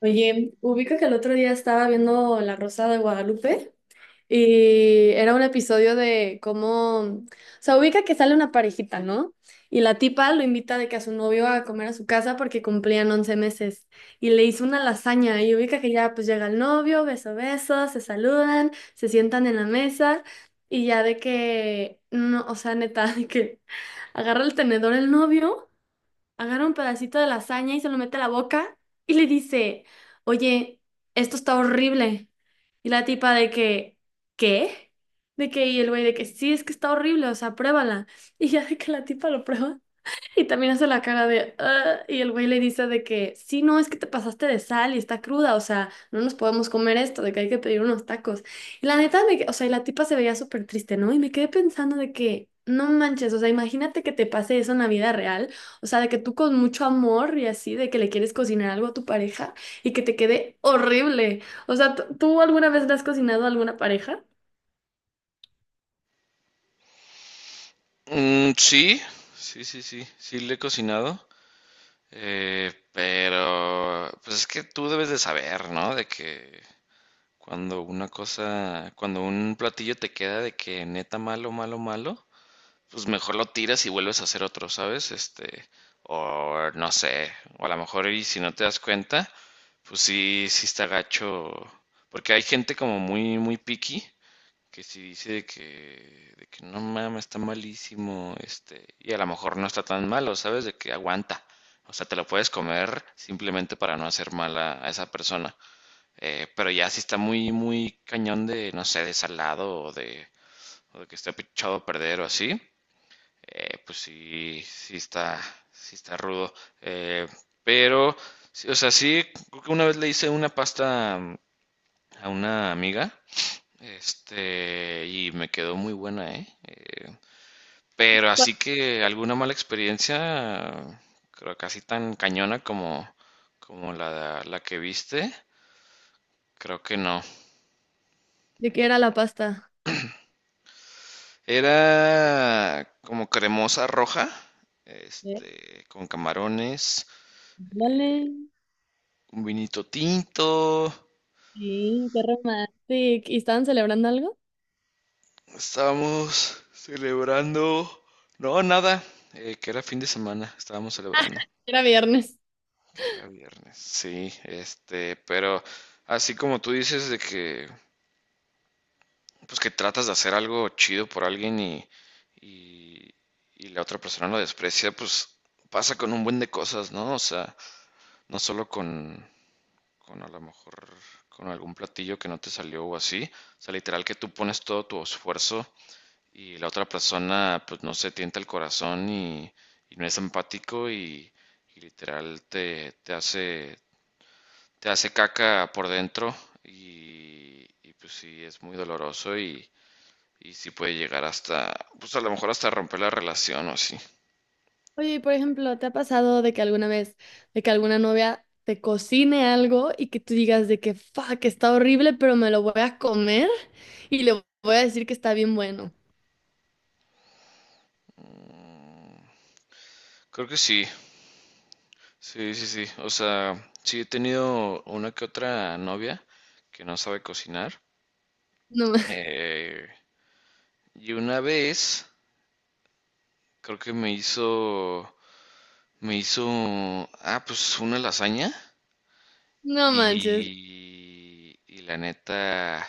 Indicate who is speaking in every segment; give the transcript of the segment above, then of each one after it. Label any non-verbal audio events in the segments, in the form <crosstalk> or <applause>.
Speaker 1: Oye, ubica que el otro día estaba viendo La Rosa de Guadalupe y era un episodio de cómo, o sea, ubica que sale una parejita, ¿no? Y la tipa lo invita de que a su novio a comer a su casa porque cumplían 11 meses y le hizo una lasaña y ubica que ya pues llega el novio, beso, beso, se saludan, se sientan en la mesa y ya de que, no, o sea, neta, <laughs> de que agarra el tenedor el novio agarra un pedacito de lasaña y se lo mete a la boca y le dice, oye, esto está horrible. Y la tipa de que, ¿qué? De que, y el güey de que, sí, es que está horrible, o sea, pruébala. <laughs> Y ya de que la tipa lo prueba y también hace la cara de, "Ah", y el güey le dice de que, sí, no, es que te pasaste de sal y está cruda, o sea, no nos podemos comer esto, de que hay que pedir unos tacos. Y la neta, o sea, y la tipa se veía súper triste, ¿no? Y me quedé pensando de que, no manches, o sea, imagínate que te pase eso en la vida real, o sea, de que tú con mucho amor y así, de que le quieres cocinar algo a tu pareja y que te quede horrible. O sea, ¿tú alguna vez le has cocinado a alguna pareja?
Speaker 2: Sí, sí, sí, sí, sí le he cocinado, pero pues es que tú debes de saber, ¿no? De que cuando una cosa, cuando un platillo te queda de que neta malo, malo, malo, pues mejor lo tiras y vuelves a hacer otro, ¿sabes? O no sé, o a lo mejor y si no te das cuenta, pues sí, sí está gacho, porque hay gente como muy, muy picky que si dice de que no mames, está malísimo, y a lo mejor no está tan malo, ¿sabes? De que aguanta. O sea, te lo puedes comer simplemente para no hacer mal a esa persona. Pero ya si está muy, muy cañón de, no sé, de salado o o de que esté echado a perder o así, pues sí, sí está rudo. Eh, pero, sí, o sea, sí, creo que una vez le hice una pasta a una amiga y me quedó muy buena, ¿eh? Pero
Speaker 1: Bueno,
Speaker 2: así que alguna mala experiencia, creo casi tan cañona como, la que viste, creo que no.
Speaker 1: ¿de qué era la pasta?
Speaker 2: Era como cremosa roja,
Speaker 1: Eh,
Speaker 2: con camarones,
Speaker 1: dale.
Speaker 2: un vinito tinto,
Speaker 1: Sí, qué romántico. ¿Y estaban celebrando algo?
Speaker 2: estábamos celebrando, no, nada, que era fin de semana, estábamos celebrando.
Speaker 1: Era viernes.
Speaker 2: Que era viernes. Sí, pero así como tú dices de que, pues que tratas de hacer algo chido por alguien y, y la otra persona lo desprecia, pues pasa con un buen de cosas, ¿no? O sea, no solo con a lo mejor con algún platillo que no te salió o así. O sea, literal que tú pones todo tu esfuerzo y la otra persona, pues no se tienta el corazón y no es empático y literal te hace caca por dentro y pues sí, es muy doloroso y sí puede llegar hasta, pues a lo mejor hasta romper la relación o así.
Speaker 1: Oye, y por ejemplo, ¿te ha pasado de que alguna vez, de que alguna novia te cocine algo y que tú digas de que, fuck, está horrible, pero me lo voy a comer y le voy a decir que está bien bueno?
Speaker 2: Creo que sí, sí, sí, sí. O sea, sí he tenido una que otra novia que no sabe cocinar.
Speaker 1: No, <laughs>
Speaker 2: Eh, y una vez creo que me hizo, ah, pues una lasaña
Speaker 1: no manches.
Speaker 2: y la neta,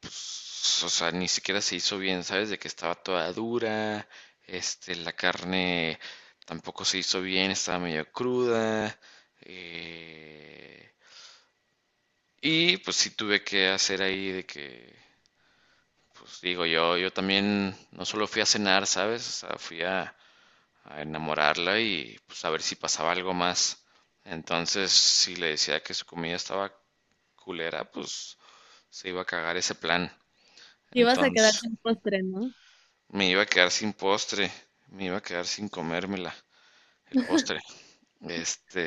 Speaker 2: pues, o sea, ni siquiera se hizo bien, ¿sabes? De que estaba toda dura, la carne tampoco se hizo bien, estaba medio cruda. eh, y pues sí tuve que hacer ahí de que, pues digo, yo también no solo fui a cenar, ¿sabes? O sea, fui a enamorarla y pues a ver si pasaba algo más. Entonces, si le decía que su comida estaba culera, pues se iba a cagar ese plan.
Speaker 1: Y vas a quedar
Speaker 2: Entonces,
Speaker 1: sin postre, ¿no?
Speaker 2: me iba a quedar sin postre, me iba a quedar sin comérmela, el postre. Este,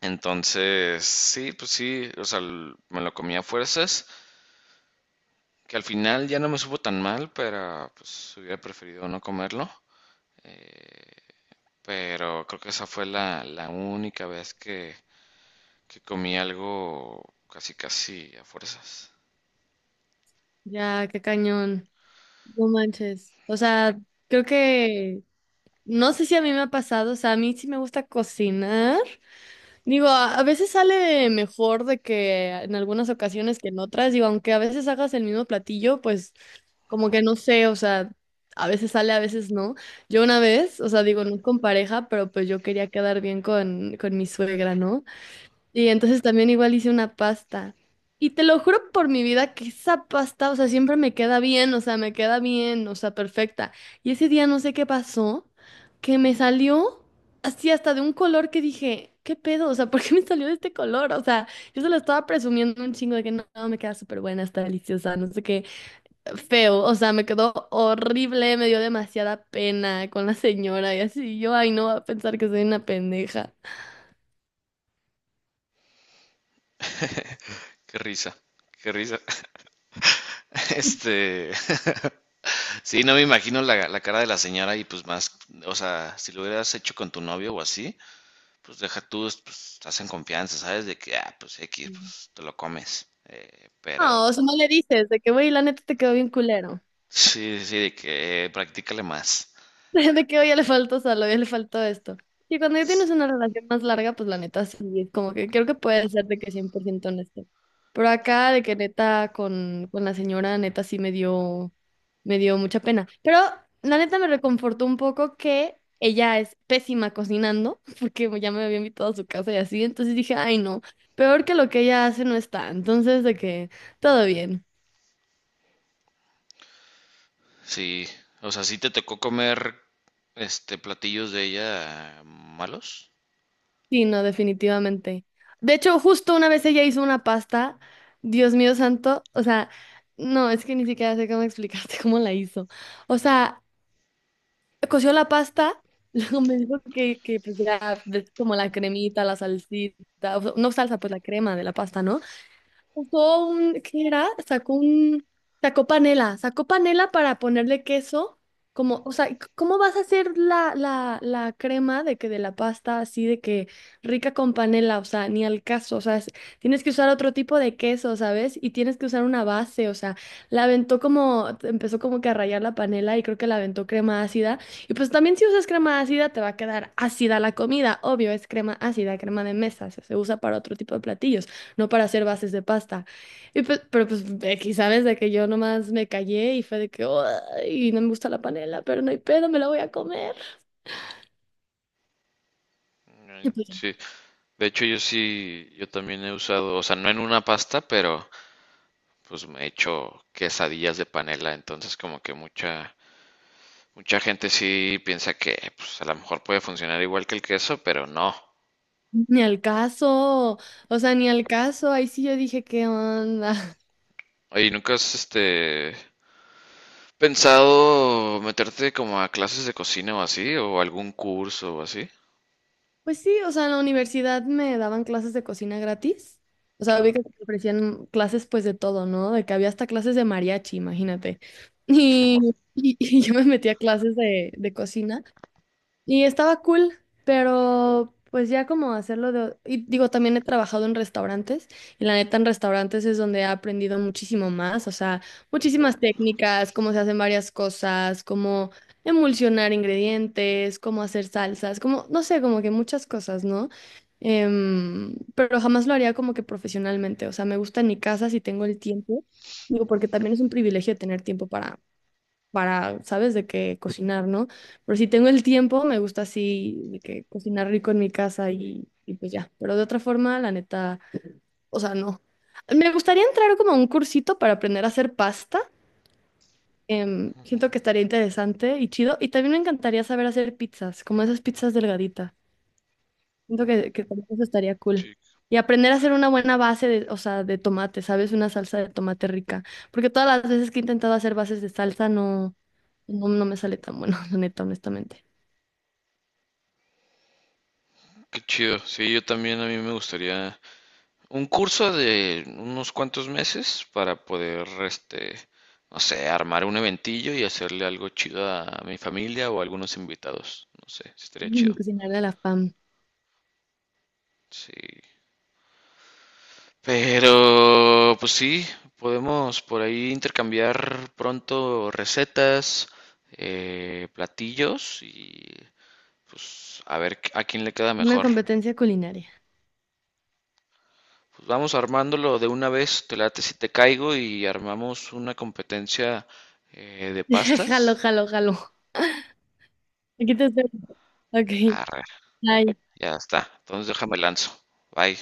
Speaker 2: entonces, sí, pues sí, o sea, me lo comí a fuerzas, que al final ya no me supo tan mal, pero pues hubiera preferido no comerlo. Pero creo que esa fue la única vez que comí algo casi casi a fuerzas.
Speaker 1: Ya, qué cañón. No manches. O sea, creo que, no sé si a mí me ha pasado, o sea, a mí sí me gusta cocinar. Digo, a veces sale mejor de que en algunas ocasiones que en otras, digo, aunque a veces hagas el mismo platillo, pues como que no sé, o sea, a veces sale, a veces no. Yo una vez, o sea, digo, no con pareja, pero pues yo quería quedar bien con mi suegra, ¿no? Y entonces también igual hice una pasta. Y te lo juro por mi vida que esa pasta, o sea, siempre me queda bien, o sea, me queda bien, o sea, perfecta. Y ese día no sé qué pasó, que me salió así hasta de un color que dije, ¿qué pedo? O sea, ¿por qué me salió de este color? O sea, yo se lo estaba presumiendo un chingo de que no, me queda súper buena, está deliciosa, no sé qué, feo, o sea, me quedó horrible, me dio demasiada pena con la señora y así, yo, ay, no va a pensar que soy una pendeja.
Speaker 2: Qué risa, qué risa. <laughs> Este, <laughs> Sí, no me imagino la cara de la señora y pues más, o sea, si lo hubieras hecho con tu novio o así, pues deja tú, pues estás confianza, ¿sabes? De que, ah, pues X, pues te lo comes. Pero
Speaker 1: No, o sea, no le dices de que, güey, la neta te quedó bien culero.
Speaker 2: sí, sí, de que practícale más.
Speaker 1: <laughs> De que, oye, le faltó sal, oye, le faltó esto. Y cuando ya tienes una relación más larga, pues la neta sí, es como que creo que puede ser de que 100% honesto. Pero acá, de que neta con la señora, neta sí me dio mucha pena. Pero la neta me reconfortó un poco que ella es pésima cocinando, <laughs> porque ya me había invitado a su casa y así. Entonces dije, ay, no, peor que lo que ella hace no está. Entonces, de que todo bien.
Speaker 2: Sí, o sea, sí te tocó comer este platillos de ella malos.
Speaker 1: Sí, no, definitivamente. De hecho, justo una vez ella hizo una pasta, Dios mío santo, o sea, no, es que ni siquiera sé cómo explicarte <laughs> cómo la hizo. O sea, coció la pasta, <laughs> luego me dijo que pues ya, ves como la cremita, la salsita, o sea, no salsa, pues la crema de la pasta, ¿no? Sacó un, ¿qué era? Sacó un, sacó panela para ponerle queso, como, o sea, ¿cómo vas a hacer la crema de que de la pasta así de que rica con panela? O sea, ni al caso, o sea, tienes que usar otro tipo de queso, ¿sabes? Y tienes que usar una base, o sea, la aventó como, empezó como que a rayar la panela y creo que la aventó crema ácida. Y pues también si usas crema ácida te va a quedar ácida la comida, obvio, es crema ácida, crema de mesa, se usa para otro tipo de platillos no para hacer bases de pasta. Y pues, pero pues X, ¿sabes? De que yo nomás me callé y fue de que, y no me gusta la panela, pero no hay pedo, me la voy a comer. Y
Speaker 2: Ay,
Speaker 1: pues,
Speaker 2: sí, de hecho yo sí, yo también he usado, o sea, no en una pasta, pero pues me he hecho quesadillas de panela, entonces como que mucha, mucha gente sí piensa que pues, a lo mejor puede funcionar igual que el queso, pero no.
Speaker 1: ni al caso, o sea, ni al caso, ahí sí yo dije, ¿qué onda? <laughs>
Speaker 2: Oye, ¿nunca has pensado meterte como a clases de cocina o así? ¿O algún curso o así?
Speaker 1: Pues sí, o sea, en la universidad me daban clases de cocina gratis. O sea, vi
Speaker 2: Ah,
Speaker 1: que te ofrecían clases pues de todo, ¿no? De que había hasta clases de mariachi, imagínate.
Speaker 2: no ma-
Speaker 1: Y yo me metí a clases de cocina. Y estaba cool, pero pues ya como hacerlo de... Y digo, también he trabajado en restaurantes y la neta en restaurantes es donde he aprendido muchísimo más, o sea, muchísimas técnicas, cómo se hacen varias cosas, cómo emulsionar ingredientes, cómo hacer salsas, como, no sé, como que muchas cosas, ¿no? Em, pero jamás lo haría como que profesionalmente, o sea, me gusta en mi casa si tengo el tiempo, digo, porque también es un privilegio tener tiempo para, ¿sabes? De que cocinar, ¿no? Pero si tengo el tiempo, me gusta así, de que cocinar rico en mi casa y pues ya. Pero de otra forma, la neta, o sea, no. Me gustaría entrar como a un cursito para aprender a hacer pasta. Em,
Speaker 2: ujú.
Speaker 1: siento que estaría interesante y chido. Y también me encantaría saber hacer pizzas, como esas pizzas delgaditas. Siento que también eso estaría cool.
Speaker 2: Sí,
Speaker 1: Y aprender a hacer una buena base de, o sea, de tomate, ¿sabes? Una salsa de tomate rica. Porque todas las veces que he intentado hacer bases de salsa, no, no me sale tan bueno, <laughs> la neta, honestamente.
Speaker 2: qué chido. Sí, yo también a mí me gustaría un curso de unos cuantos meses para poder, no sé, armar un eventillo y hacerle algo chido a mi familia o a algunos invitados. No sé, estaría
Speaker 1: Mm,
Speaker 2: chido.
Speaker 1: cocinar de la fam.
Speaker 2: Sí. Pero, pues sí, podemos por ahí intercambiar pronto recetas, platillos y pues a ver a quién le queda
Speaker 1: Una
Speaker 2: mejor.
Speaker 1: competencia culinaria.
Speaker 2: Pues vamos armándolo de una vez, te late si te caigo y armamos una competencia de
Speaker 1: <laughs> Jalo,
Speaker 2: pastas.
Speaker 1: jalo, jalo. Aquí te espero. Ok.
Speaker 2: Arre,
Speaker 1: Bye.
Speaker 2: ya está, entonces déjame lanzo. Bye.